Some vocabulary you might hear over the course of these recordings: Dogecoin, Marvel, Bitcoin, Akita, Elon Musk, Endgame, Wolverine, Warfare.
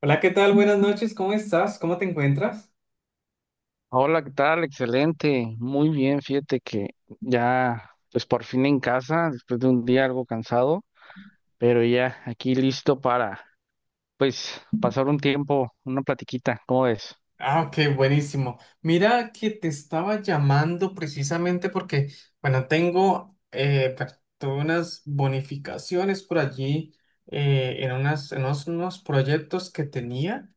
Hola, ¿qué tal? Buenas noches, ¿cómo estás? ¿Cómo te encuentras? Hola, ¿qué tal? Excelente, muy bien, fíjate que ya, pues por fin en casa, después de un día algo cansado, pero ya aquí listo para, pues, pasar un tiempo, una platiquita, ¿cómo ves? Ah, ok, buenísimo. Mira que te estaba llamando precisamente porque, bueno, tengo pues, tuve unas bonificaciones por allí en unas, unos proyectos que tenía.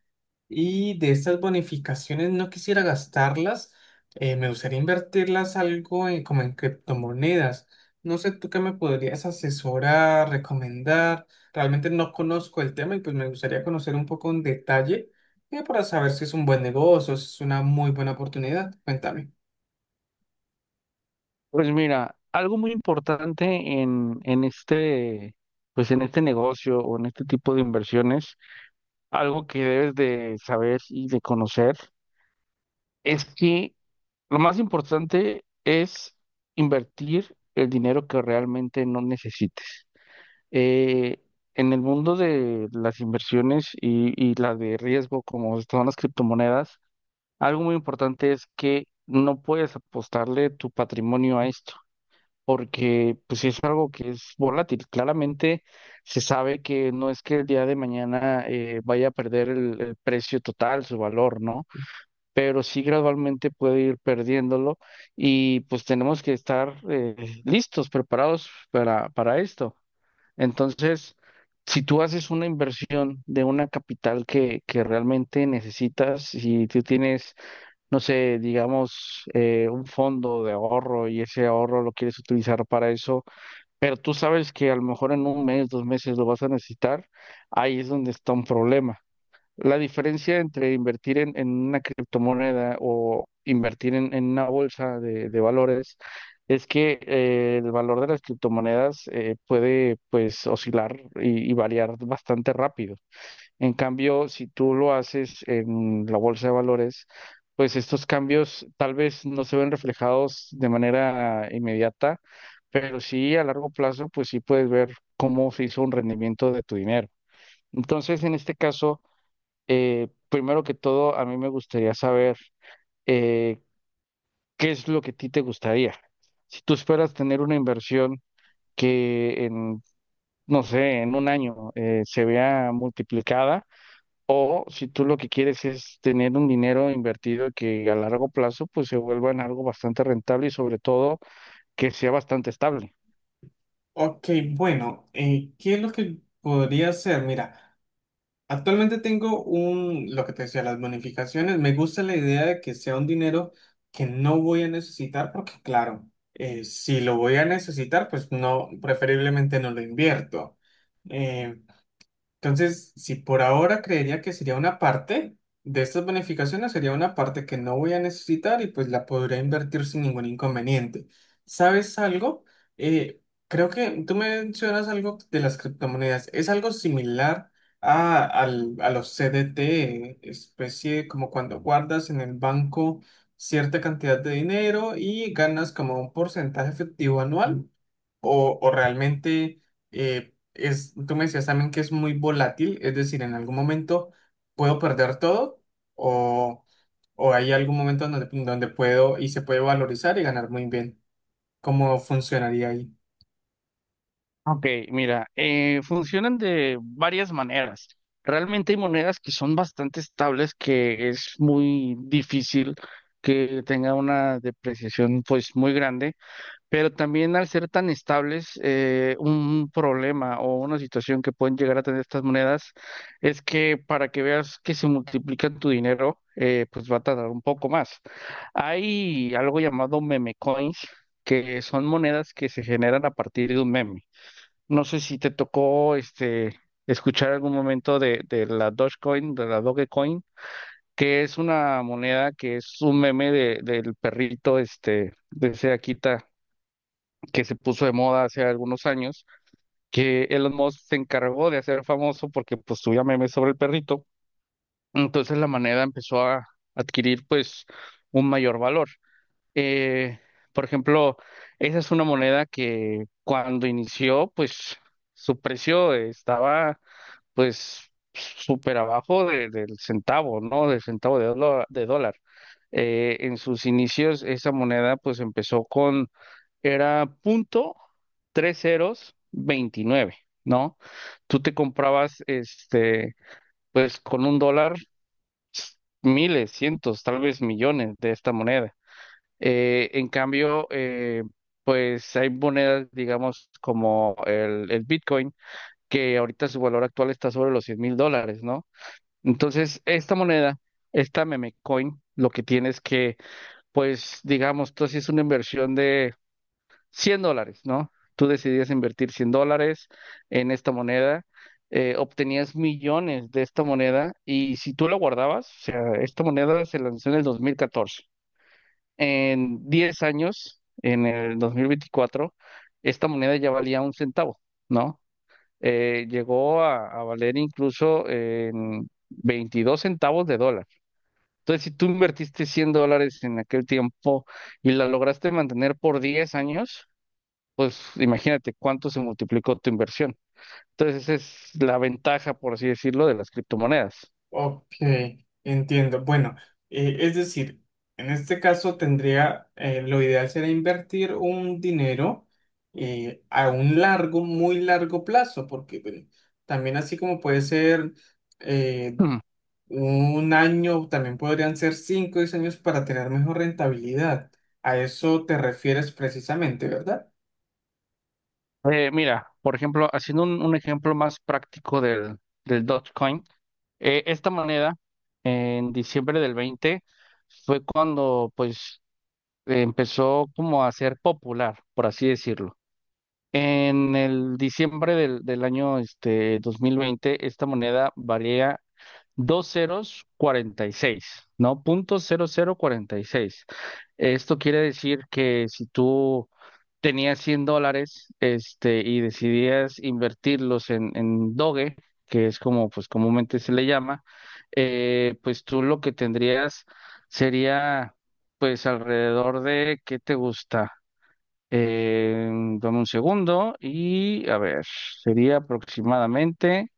Y de estas bonificaciones no quisiera gastarlas, me gustaría invertirlas algo en- como en criptomonedas. No sé tú qué me podrías asesorar, recomendar. Realmente no conozco el tema y pues me gustaría conocer un poco en detalle, para saber si es un buen negocio, si es una muy buena oportunidad. Cuéntame. Pues mira, algo muy importante en este, pues en este negocio o en este tipo de inversiones, algo que debes de saber y de conocer, es que lo más importante es invertir el dinero que realmente no necesites. Eh, en el mundo de las inversiones y las de riesgo, como son las criptomonedas, algo muy importante es que no puedes apostarle tu patrimonio a esto, porque pues es algo que es volátil. Claramente se sabe que no es que el día de mañana vaya a perder el precio total, su valor, ¿no? Pero sí gradualmente puede ir perdiéndolo y pues tenemos que estar listos, preparados para esto. Entonces, si tú haces una inversión de una capital que realmente necesitas, si tú tienes, no sé, digamos, un fondo de ahorro y ese ahorro lo quieres utilizar para eso, pero tú sabes que a lo mejor en un mes, dos meses lo vas a necesitar, ahí es donde está un problema. La diferencia entre invertir en una criptomoneda o invertir en una bolsa de valores es que el valor de las criptomonedas puede pues oscilar y variar bastante rápido. En cambio, si tú lo haces en la bolsa de valores, pues estos cambios tal vez no se ven reflejados de manera inmediata, pero sí a largo plazo, pues sí puedes ver cómo se hizo un rendimiento de tu dinero. Entonces, en este caso... primero que todo, a mí me gustaría saber eh, qué es lo que a ti te gustaría. Si tú esperas tener una inversión que en, no sé, en un año se vea multiplicada, o si tú lo que quieres es tener un dinero invertido que a largo plazo pues se vuelva en algo bastante rentable y sobre todo que sea bastante estable. Ok, bueno, ¿qué es lo que podría hacer? Mira. Actualmente tengo un, lo que te decía, las bonificaciones. Me gusta la idea de que sea un dinero que no voy a necesitar porque, claro, si lo voy a necesitar, pues no, preferiblemente no lo invierto. Eh, entonces, si por ahora creería que sería una parte de estas bonificaciones, sería una parte que no voy a necesitar y pues la podría invertir sin ningún inconveniente. ¿Sabes algo? Eh, creo que tú mencionas algo de las criptomonedas. Es algo similar a, al- a los CDT, especie como cuando guardas en el banco cierta cantidad de dinero y ganas como un porcentaje efectivo anual o realmente es, tú me decías también que es muy volátil, es decir, en algún momento puedo perder todo o, o hay algún momento donde, donde puedo y se puede valorizar y ganar muy bien. ¿Cómo funcionaría ahí? Ok, mira, funcionan de varias maneras. Realmente hay monedas que son bastante estables, que es muy difícil que tenga una depreciación pues muy grande, pero también al ser tan estables, un problema o una situación que pueden llegar a tener estas monedas es que para que veas que se multiplica tu dinero, pues va a tardar un poco más. Hay algo llamado meme coins, que son monedas que se generan a partir de un meme. No sé si te tocó este escuchar algún momento de la Dogecoin, de la Dogecoin, que es una moneda que es un meme de, del perrito este de ese Akita que se puso de moda hace algunos años, que Elon Musk se encargó de hacer famoso porque pues subía memes sobre el perrito. Entonces la moneda empezó a adquirir pues un mayor valor. Eh, por ejemplo, esa es una moneda que cuando inició pues su precio estaba pues súper abajo del centavo, ¿no? Del centavo de dólar, de dólar. En sus inicios esa moneda pues empezó con, era punto tres ceros veintinueve, ¿no? Tú te comprabas este, pues con un dólar miles, cientos, tal vez millones de esta moneda. Eh, en cambio, eh, pues hay monedas, digamos, como el Bitcoin, que ahorita su valor actual está sobre los $100,000, ¿no? Entonces, esta moneda, esta meme coin, lo que tienes que, pues, digamos, tú haces una inversión de $100, ¿no? Tú decidías invertir $100 en esta moneda, obtenías millones de esta moneda y si tú la guardabas, o sea, esta moneda se lanzó en el 2014. En 10 años, en el 2024, esta moneda ya valía un centavo, ¿no? Llegó a valer incluso en 22 centavos de dólar. Entonces, si tú invertiste $100 en aquel tiempo y la lograste mantener por 10 años, pues imagínate cuánto se multiplicó tu inversión. Entonces, esa es la ventaja, por así decirlo, de las criptomonedas. Ok, entiendo. Bueno, es decir, en este caso tendría, lo ideal sería invertir un dinero a un largo, muy largo plazo, porque bueno, también así como puede ser... eh, Hmm. un año, también podrían ser cinco o diez años para tener mejor rentabilidad. A eso te refieres precisamente, ¿verdad? Mira, por ejemplo, haciendo un ejemplo más práctico del, del Dogecoin, esta moneda en diciembre del 20 fue cuando pues empezó como a ser popular, por así decirlo. En el diciembre del año este, 2020, esta moneda valía dos ceros 46, ¿no? Punto cero cero cuarenta y seis. Esto quiere decir que si tú tenías 100 dólares, este, y decidías invertirlos en Doge, que es como pues comúnmente se le llama, pues tú lo que tendrías sería pues alrededor de, ¿qué te gusta? Eh, dame un segundo y a ver, sería aproximadamente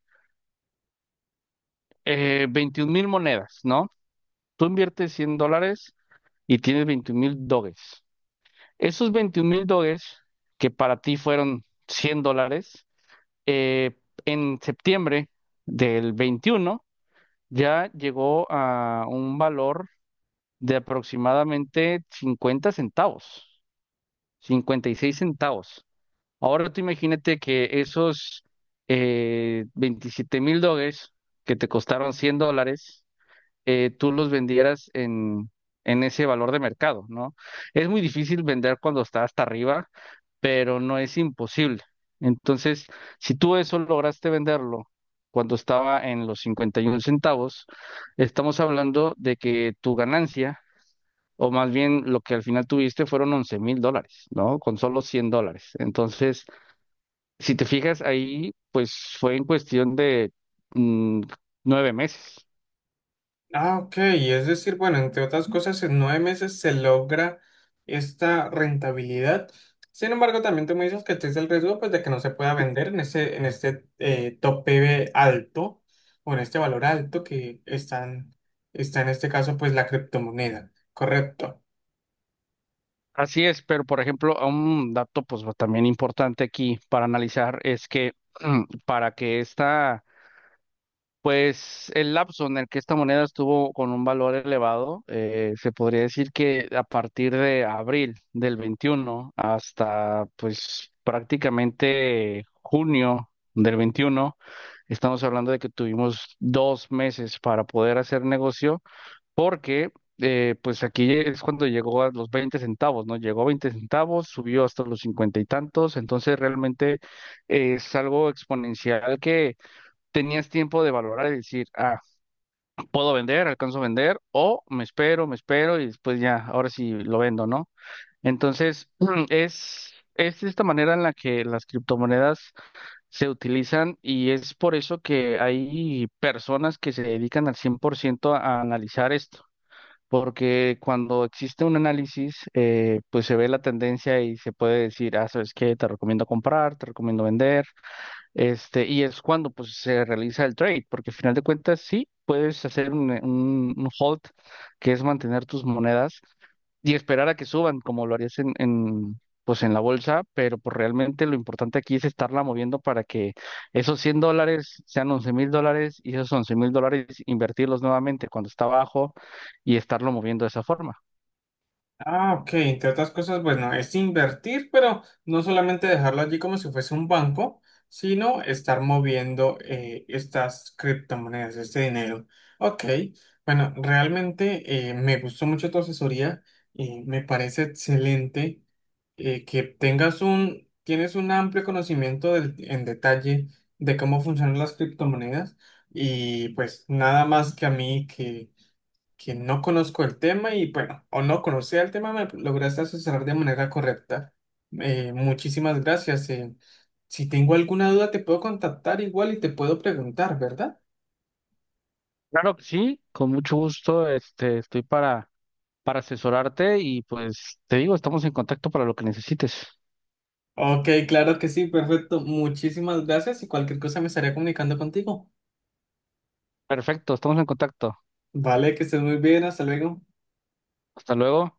21 mil monedas, ¿no? Tú inviertes 100 dólares y tienes 21 mil doges. Esos 21 mil doges, que para ti fueron 100 dólares, eh, en septiembre del 21 ya llegó a un valor de aproximadamente 50 centavos, 56 centavos. Ahora tú imagínate que esos 27 mil dólares que te costaron 100 dólares, tú los vendieras en ese valor de mercado, ¿no? Es muy difícil vender cuando está hasta arriba, pero no es imposible. Entonces, si tú eso lograste venderlo cuando estaba en los 51 centavos, estamos hablando de que tu ganancia, o más bien lo que al final tuviste, fueron 11 mil dólares, ¿no? Con solo 100 dólares. Entonces, si te fijas ahí, pues fue en cuestión de mm, nueve meses. Ah, ok. Es decir, bueno, entre otras cosas, en nueve meses se logra esta rentabilidad. Sin embargo, también tú me dices que existe el riesgo, pues, de que no se pueda vender en ese, en este tope alto o en este valor alto que están, está en este caso, pues la criptomoneda. Correcto. Así es, pero por ejemplo, un dato pues también importante aquí para analizar es que para que esta... Pues el lapso en el que esta moneda estuvo con un valor elevado, se podría decir que a partir de abril del 21 hasta pues prácticamente junio del 21, estamos hablando de que tuvimos dos meses para poder hacer negocio porque pues aquí es cuando llegó a los 20 centavos, ¿no? Llegó a 20 centavos, subió hasta los 50 y tantos, entonces realmente es algo exponencial que tenías tiempo de valorar y decir, ah, puedo vender, alcanzo a vender, o me espero y después ya, ahora sí lo vendo, ¿no? Entonces, es esta manera en la que las criptomonedas se utilizan y es por eso que hay personas que se dedican al 100% a analizar esto porque cuando existe un análisis, pues se ve la tendencia y se puede decir, ah, ¿sabes qué? Te recomiendo comprar, te recomiendo vender. Este, y es cuando pues se realiza el trade, porque al final de cuentas sí puedes hacer un hold, que es mantener tus monedas, y esperar a que suban, como lo harías en, pues en la bolsa, pero pues realmente lo importante aquí es estarla moviendo para que esos $100 sean $11,000 y esos $11,000 invertirlos nuevamente cuando está abajo y estarlo moviendo de esa forma. Ah, ok, entre otras cosas, bueno, es invertir, pero no solamente dejarlo allí como si fuese un banco, sino estar moviendo estas criptomonedas, este dinero. Ok, bueno, realmente me gustó mucho tu asesoría y me parece excelente que tengas un, tienes un amplio conocimiento del- en detalle de cómo funcionan las criptomonedas y pues nada más que a mí que no conozco el tema y bueno, o no conocía el tema, me lograste asesorar de manera correcta. Muchísimas gracias. Si tengo alguna duda, te puedo contactar igual y te puedo preguntar, ¿verdad? Claro que sí, con mucho gusto, este, estoy para asesorarte y pues te digo, estamos en contacto para lo que necesites. Ok, claro que sí, perfecto. Muchísimas gracias y cualquier cosa me estaré comunicando contigo. Perfecto, estamos en contacto. Vale, que estés muy bien, hasta luego. Hasta luego.